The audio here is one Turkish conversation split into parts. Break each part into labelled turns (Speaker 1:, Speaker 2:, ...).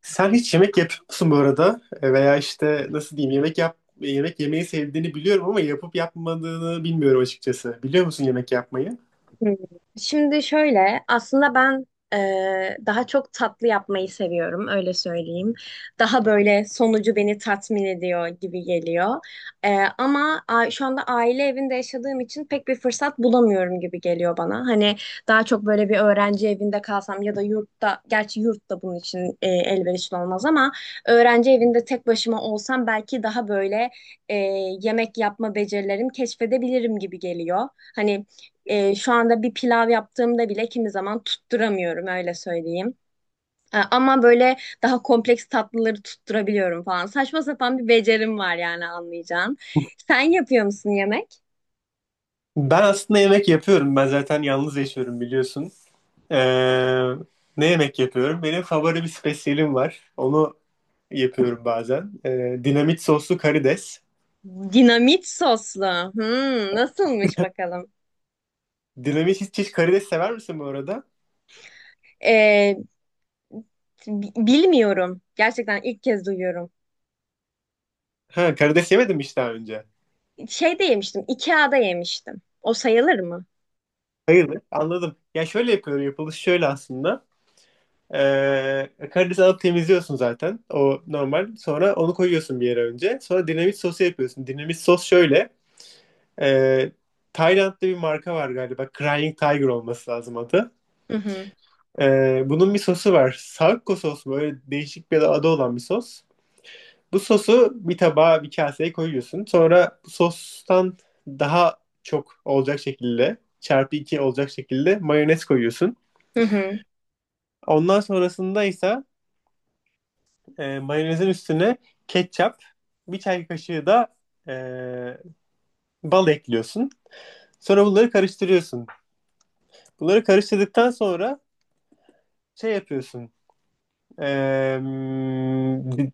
Speaker 1: Sen hiç yemek yapıyor musun bu arada? Veya işte nasıl diyeyim yemek yemeyi sevdiğini biliyorum ama yapıp yapmadığını bilmiyorum açıkçası. Biliyor musun yemek yapmayı?
Speaker 2: Hmm. Şimdi şöyle, aslında ben daha çok tatlı yapmayı seviyorum, öyle söyleyeyim. Daha böyle sonucu beni tatmin ediyor gibi geliyor. Şu anda aile evinde yaşadığım için pek bir fırsat bulamıyorum gibi geliyor bana. Hani daha çok böyle bir öğrenci evinde kalsam ya da yurtta, gerçi yurt da bunun için elverişli olmaz ama öğrenci evinde tek başıma olsam belki daha böyle e, yemek yapma becerilerimi keşfedebilirim gibi geliyor. Hani şu anda bir pilav yaptığımda bile kimi zaman tutturamıyorum öyle söyleyeyim. E, ama böyle daha kompleks tatlıları tutturabiliyorum falan. Saçma sapan bir becerim var yani anlayacağın. Sen yapıyor musun yemek?
Speaker 1: Ben aslında yemek yapıyorum. Ben zaten yalnız yaşıyorum biliyorsun. E, ne yemek yapıyorum? Benim favori bir spesiyelim var. Onu yapıyorum bazen. Dinamit soslu karides.
Speaker 2: Dinamit soslu. Hmm, nasılmış bakalım?
Speaker 1: Dinamit hiç karides sever misin bu arada?
Speaker 2: Ee, Bilmiyorum. Gerçekten ilk kez duyuyorum.
Speaker 1: Ha, karides yemedim hiç daha önce.
Speaker 2: Şeyde yemiştim. IKEA'da yemiştim. O sayılır mı?
Speaker 1: Hayırdır? Anladım. Ya şöyle yapıyorum. Yapılışı şöyle aslında. Karidesi alıp temizliyorsun zaten. O normal. Sonra onu koyuyorsun bir yere önce. Sonra dinamit sosu yapıyorsun. Dinamit sos şöyle. ee, Tayland'da bir marka var galiba. Crying Tiger olması lazım adı.
Speaker 2: Hı hı.
Speaker 1: Bunun bir sosu var. Sakko sos mu? Öyle değişik bir adı olan bir sos. Bu sosu bir tabağa bir kaseye koyuyorsun. Sonra bu sostan daha çok olacak şekilde çarpı 2 olacak şekilde mayonez koyuyorsun.
Speaker 2: Hı hı.
Speaker 1: Ondan sonrasında ise mayonezin üstüne ketçap, bir çay kaşığı da e, bal ekliyorsun. Sonra bunları karıştırıyorsun. Bunları karıştırdıktan sonra şey yapıyorsun. E,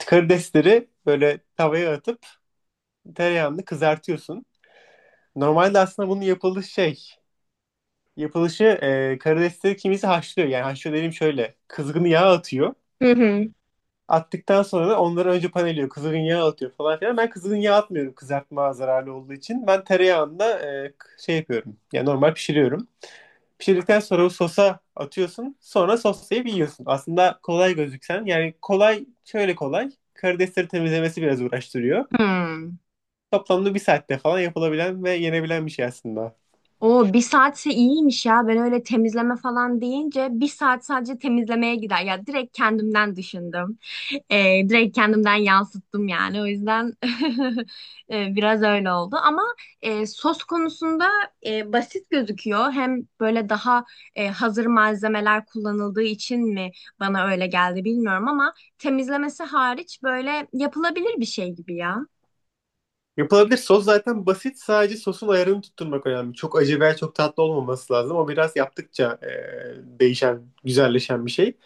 Speaker 1: karidesleri böyle tavaya atıp tereyağını kızartıyorsun. Normalde aslında bunun yapılışı şey. Yapılışı karidesleri kimisi haşlıyor. Yani haşlıyor dediğim şöyle. Kızgın yağ atıyor.
Speaker 2: Hı hı.
Speaker 1: Attıktan sonra da onları önce paneliyor. Kızgın yağ atıyor falan filan. Ben kızgın yağ atmıyorum kızartma zararlı olduğu için. Ben tereyağında e, şey yapıyorum. Yani normal pişiriyorum. Pişirdikten sonra o sosa atıyorsun. Sonra soslayıp yiyorsun. Aslında kolay gözüksen. Yani kolay şöyle kolay. Karidesleri temizlemesi biraz uğraştırıyor.
Speaker 2: Hmm.
Speaker 1: Toplamda bir saatte falan yapılabilen ve yenebilen bir şey aslında.
Speaker 2: O bir saatse iyiymiş ya. Ben öyle temizleme falan deyince bir saat sadece temizlemeye gider. Ya direkt kendimden düşündüm. Direkt kendimden yansıttım yani. O yüzden biraz öyle oldu. Ama sos konusunda basit gözüküyor. Hem böyle daha hazır malzemeler kullanıldığı için mi bana öyle geldi bilmiyorum ama temizlemesi hariç böyle yapılabilir bir şey gibi ya.
Speaker 1: Yapılabilir. Sos zaten basit. Sadece sosun ayarını tutturmak önemli. Çok acı veya çok tatlı olmaması lazım. O biraz yaptıkça değişen, güzelleşen bir şey.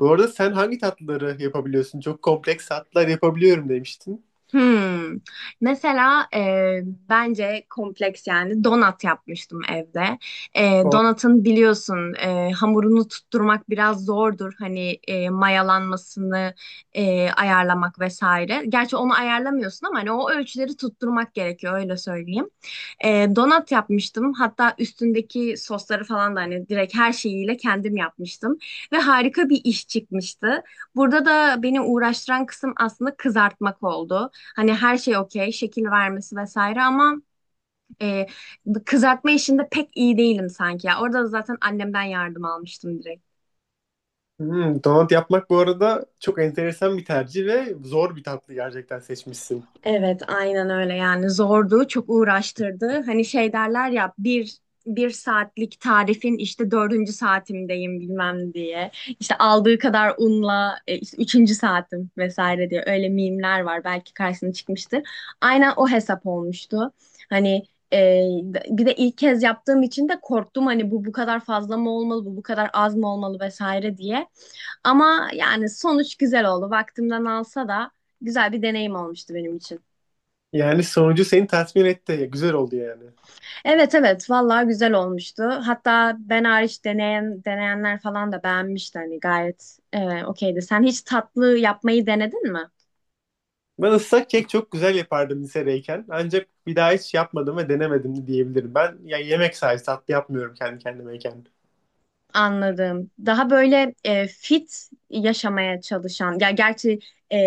Speaker 1: Bu arada sen hangi tatlıları yapabiliyorsun? Çok kompleks tatlılar yapabiliyorum demiştin.
Speaker 2: Hmm. Mesela bence kompleks yani donat yapmıştım evde.
Speaker 1: O-
Speaker 2: Donatın biliyorsun hamurunu tutturmak biraz zordur. Hani mayalanmasını ayarlamak vesaire. Gerçi onu ayarlamıyorsun ama hani o ölçüleri tutturmak gerekiyor öyle söyleyeyim. Donat yapmıştım. Hatta üstündeki sosları falan da hani direkt her şeyiyle kendim yapmıştım. Ve harika bir iş çıkmıştı. Burada da beni uğraştıran kısım aslında kızartmak oldu. Hani her şey okey, şekil vermesi vesaire ama e, kızartma işinde pek iyi değilim sanki ya. Orada da zaten annemden yardım almıştım direkt.
Speaker 1: Hmm, donut yapmak bu arada çok enteresan bir tercih ve zor bir tatlı gerçekten seçmişsin.
Speaker 2: Evet, aynen öyle yani zordu, çok uğraştırdı. Hani şey derler ya bir saatlik tarifin işte dördüncü saatimdeyim bilmem diye. İşte aldığı kadar unla işte üçüncü saatim vesaire diye öyle mimler var belki karşısına çıkmıştır. Aynen o hesap olmuştu. Hani e, bir de ilk kez yaptığım için de korktum hani bu kadar fazla mı olmalı, bu kadar az mı olmalı vesaire diye. Ama yani sonuç güzel oldu. Vaktimden alsa da güzel bir deneyim olmuştu benim için.
Speaker 1: Yani sonucu seni tatmin etti. Güzel oldu yani.
Speaker 2: Evet, evet, vallahi güzel olmuştu. Hatta ben hariç deneyenler falan da beğenmişti hani gayet okeydi. Sen hiç tatlı yapmayı denedin mi?
Speaker 1: Ben ıslak kek çok güzel yapardım lisedeyken. Ancak bir daha hiç yapmadım ve denemedim de diyebilirim. Ben ya yemek sayesinde tatlı yapmıyorum kendi kendimeyken.
Speaker 2: Anladım. Daha böyle fit yaşamaya çalışan ya gerçi e,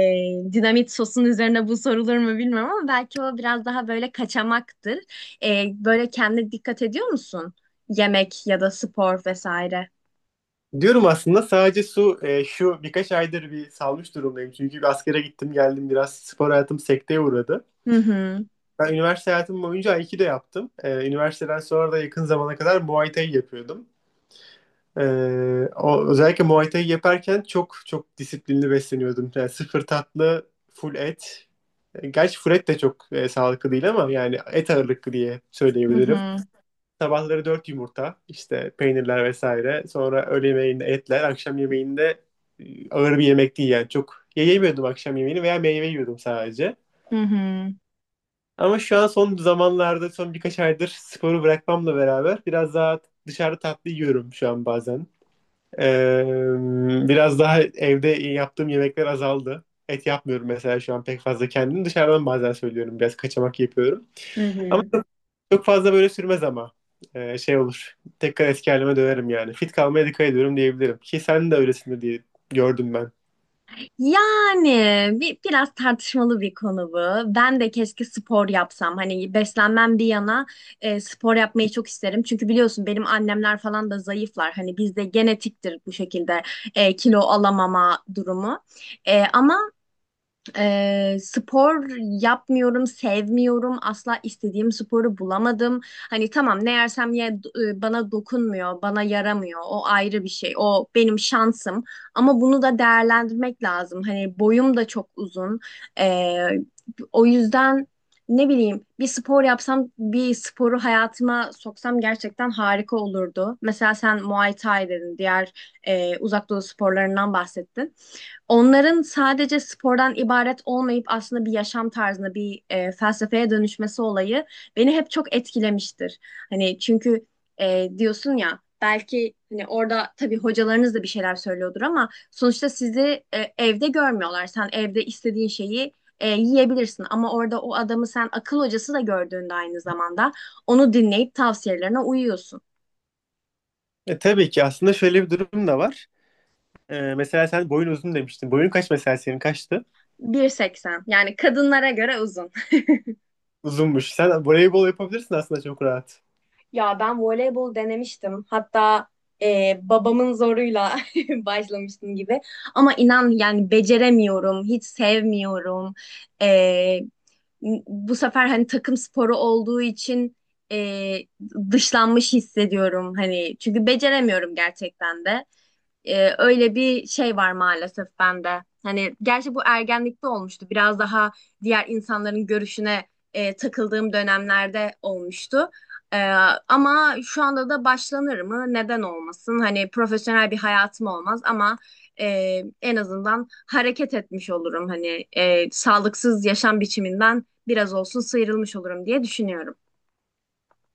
Speaker 2: dinamit sosun üzerine bu sorulur mu bilmiyorum ama belki o biraz daha böyle kaçamaktır. Böyle kendine dikkat ediyor musun? Yemek ya da spor vesaire.
Speaker 1: Diyorum aslında sadece şu birkaç aydır bir salmış durumdayım. Çünkü bir askere gittim geldim biraz spor hayatım sekteye uğradı.
Speaker 2: Hı hı.
Speaker 1: Ben üniversite hayatım boyunca Aikido yaptım. Üniversiteden sonra da yakın zamana kadar Muay Thai yapıyordum. Ee, özellikle Muay Thai yaparken çok çok disiplinli besleniyordum. Yani sıfır tatlı, full et. Gerçi full et de çok sağlıklı değil ama yani et ağırlıklı diye
Speaker 2: Hı
Speaker 1: söyleyebilirim.
Speaker 2: hı.
Speaker 1: Sabahları 4 yumurta, işte peynirler vesaire. Sonra öğle yemeğinde etler, akşam yemeğinde ağır bir yemek değil yani. Çok yemiyordum akşam yemeğini veya meyve yiyordum sadece.
Speaker 2: Hı hı.
Speaker 1: Ama şu an son zamanlarda, son birkaç aydır sporu bırakmamla beraber biraz daha dışarıda tatlı yiyorum şu an bazen. Ee, biraz daha evde yaptığım yemekler azaldı. Et yapmıyorum mesela şu an pek fazla kendim. Dışarıdan bazen söylüyorum. Biraz kaçamak yapıyorum.
Speaker 2: Hı
Speaker 1: Ama
Speaker 2: hı.
Speaker 1: çok fazla böyle sürmez ama. Şey olur. Tekrar eski halime dönerim yani. Fit kalmaya dikkat ediyorum diyebilirim. Ki sen de öylesindir diye gördüm ben.
Speaker 2: Yani biraz tartışmalı bir konu bu. Ben de keşke spor yapsam. Hani beslenmem bir yana spor yapmayı çok isterim. Çünkü biliyorsun benim annemler falan da zayıflar. Hani bizde genetiktir bu şekilde kilo alamama durumu. E, ama Spor yapmıyorum, sevmiyorum. Asla istediğim sporu bulamadım. Hani tamam ne yersem ye bana dokunmuyor, bana yaramıyor. O ayrı bir şey. O benim şansım. Ama bunu da değerlendirmek lazım. Hani boyum da çok uzun. Ee, O yüzden ne bileyim bir spor yapsam, bir sporu hayatıma soksam gerçekten harika olurdu. Mesela sen Muay Thai dedin, diğer uzak doğu sporlarından bahsettin. Onların sadece spordan ibaret olmayıp aslında bir yaşam tarzına, bir felsefeye dönüşmesi olayı beni hep çok etkilemiştir. Hani çünkü diyorsun ya belki hani orada tabii hocalarınız da bir şeyler söylüyordur ama sonuçta sizi evde görmüyorlar. Sen evde istediğin şeyi yiyebilirsin ama orada o adamı sen akıl hocası da gördüğünde aynı zamanda onu dinleyip tavsiyelerine uyuyorsun.
Speaker 1: Tabii ki aslında şöyle bir durum da var. Mesela sen boyun uzun demiştin. Boyun kaç mesela senin kaçtı?
Speaker 2: 1.80, yani kadınlara göre uzun.
Speaker 1: Uzunmuş. Sen voleybol yapabilirsin aslında çok rahat.
Speaker 2: Ya ben voleybol denemiştim. Hatta babamın zoruyla başlamıştım gibi. Ama inan yani beceremiyorum, hiç sevmiyorum. E, Bu sefer hani takım sporu olduğu için e, dışlanmış hissediyorum hani çünkü beceremiyorum gerçekten de. Öyle bir şey var maalesef bende. Hani gerçi bu ergenlikte olmuştu. Biraz daha diğer insanların görüşüne takıldığım dönemlerde olmuştu. Ee, Ama şu anda da başlanır mı? Neden olmasın? Hani profesyonel bir hayatım olmaz ama e, en azından hareket etmiş olurum. Hani sağlıksız yaşam biçiminden biraz olsun sıyrılmış olurum diye düşünüyorum.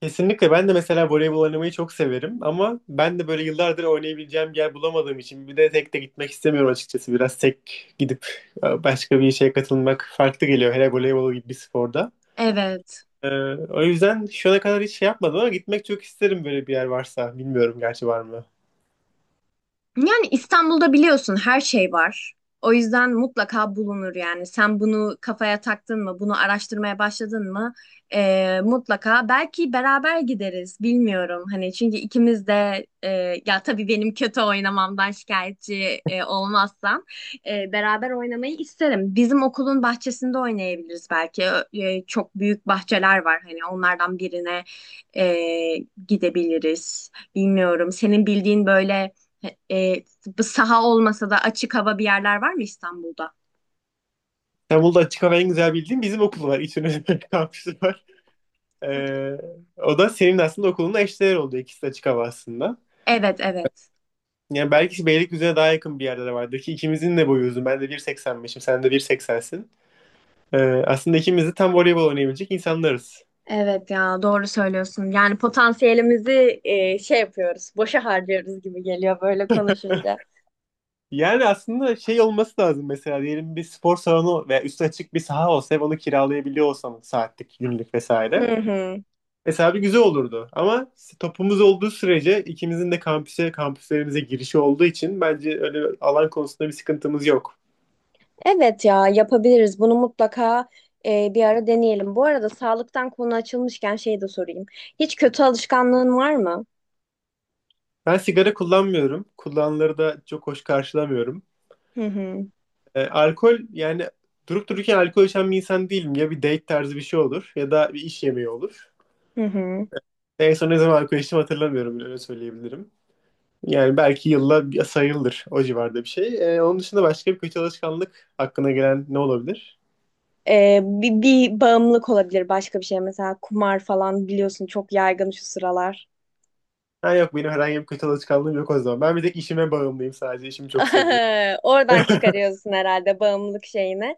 Speaker 1: Kesinlikle ben de mesela voleybol oynamayı çok severim ama ben de böyle yıllardır oynayabileceğim bir yer bulamadığım için bir de tek de gitmek istemiyorum açıkçası. Biraz tek gidip başka bir işe katılmak farklı geliyor hele voleybol gibi bir sporda.
Speaker 2: Evet.
Speaker 1: Ee, o yüzden şu ana kadar hiç şey yapmadım ama gitmek çok isterim böyle bir yer varsa. Bilmiyorum gerçi var mı?
Speaker 2: Yani İstanbul'da biliyorsun her şey var. O yüzden mutlaka bulunur yani. Sen bunu kafaya taktın mı, bunu araştırmaya başladın mı? Mutlaka. Belki beraber gideriz, bilmiyorum. Hani çünkü ikimiz de ya tabii benim kötü oynamamdan şikayetçi olmazsan beraber oynamayı isterim. Bizim okulun bahçesinde oynayabiliriz belki. Çok büyük bahçeler var. Hani onlardan birine e, gidebiliriz. Bilmiyorum. Senin bildiğin böyle. E, Bu saha olmasa da açık hava bir yerler var mı İstanbul'da?
Speaker 1: İstanbul'da açık hava en güzel bildiğim bizim okul var. İç üniversite kampüsü var. Ee, o da senin aslında okulunla eşdeğer oldu. İkisi de açık hava aslında.
Speaker 2: Evet, evet.
Speaker 1: Yani belki Beylikdüzü'ne daha yakın bir yerde de vardır ki ikimizin de boyu uzun. Ben de 1.85'im, sen de 1.80'sin. Ee, aslında ikimiz de tam voleybol oynayabilecek insanlarız.
Speaker 2: Evet ya, doğru söylüyorsun. Yani potansiyelimizi şey yapıyoruz, boşa harcıyoruz gibi geliyor böyle konuşunca.
Speaker 1: Yani aslında şey olması lazım mesela diyelim bir spor salonu veya üstü açık bir saha olsa ve onu kiralayabiliyor olsamız saatlik, günlük vesaire.
Speaker 2: Hı hı.
Speaker 1: Mesela bir güzel olurdu ama topumuz olduğu sürece ikimizin de kampüse, kampüslerimize girişi olduğu için bence öyle alan konusunda bir sıkıntımız yok.
Speaker 2: Evet ya, yapabiliriz. Bunu mutlaka bir ara deneyelim. Bu arada sağlıktan konu açılmışken şey de sorayım. Hiç kötü alışkanlığın var mı?
Speaker 1: Ben sigara kullanmıyorum. Kullananları da çok hoş karşılamıyorum.
Speaker 2: Hı hı.
Speaker 1: Alkol yani durup dururken alkol içen bir insan değilim. Ya bir date tarzı bir şey olur ya da bir iş yemeği olur.
Speaker 2: Hı hı.
Speaker 1: En son ne zaman alkol içtim hatırlamıyorum bile öyle söyleyebilirim. Yani belki yılla sayılır o civarda bir şey. Onun dışında başka bir kötü alışkanlık hakkına gelen ne olabilir?
Speaker 2: Bir bağımlılık olabilir başka bir şey. Mesela kumar falan biliyorsun çok yaygın şu sıralar.
Speaker 1: Ha yok benim herhangi bir kötü alışkanlığım yok o zaman. Ben bir tek işime bağımlıyım sadece işimi çok seviyorum.
Speaker 2: Oradan çıkarıyorsun herhalde bağımlılık şeyini.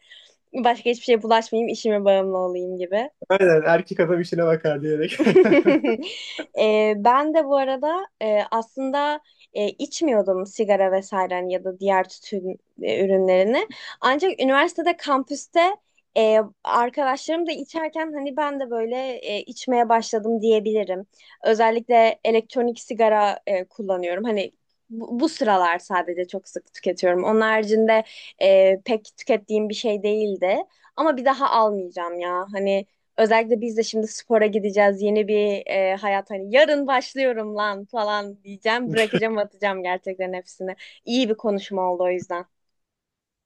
Speaker 2: Başka hiçbir şeye bulaşmayayım, işime bağımlı olayım gibi.
Speaker 1: Aynen erkek adam işine bakar diyerek.
Speaker 2: Ben de bu arada aslında içmiyordum sigara vesaire hani ya da diğer tütün ürünlerini. Ancak üniversitede kampüste arkadaşlarım da içerken hani ben de böyle içmeye başladım diyebilirim. Özellikle elektronik sigara kullanıyorum. Hani bu sıralar sadece çok sık tüketiyorum. Onun haricinde pek tükettiğim bir şey değildi. Ama bir daha almayacağım ya. Hani özellikle biz de şimdi spora gideceğiz. Yeni bir hayat hani yarın başlıyorum lan falan diyeceğim. Bırakacağım, atacağım gerçekten hepsini. İyi bir konuşma oldu o yüzden.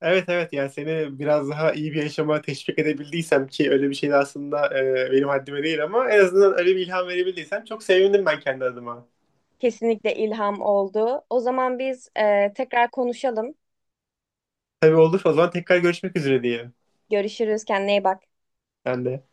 Speaker 1: Evet evet yani seni biraz daha iyi bir yaşama teşvik edebildiysem ki öyle bir şey de aslında benim haddime değil ama en azından öyle bir ilham verebildiysem çok sevindim ben kendi adıma.
Speaker 2: Kesinlikle ilham oldu. O zaman biz tekrar konuşalım.
Speaker 1: Tabii olur o zaman tekrar görüşmek üzere diye.
Speaker 2: Görüşürüz. Kendine iyi bak.
Speaker 1: Ben de.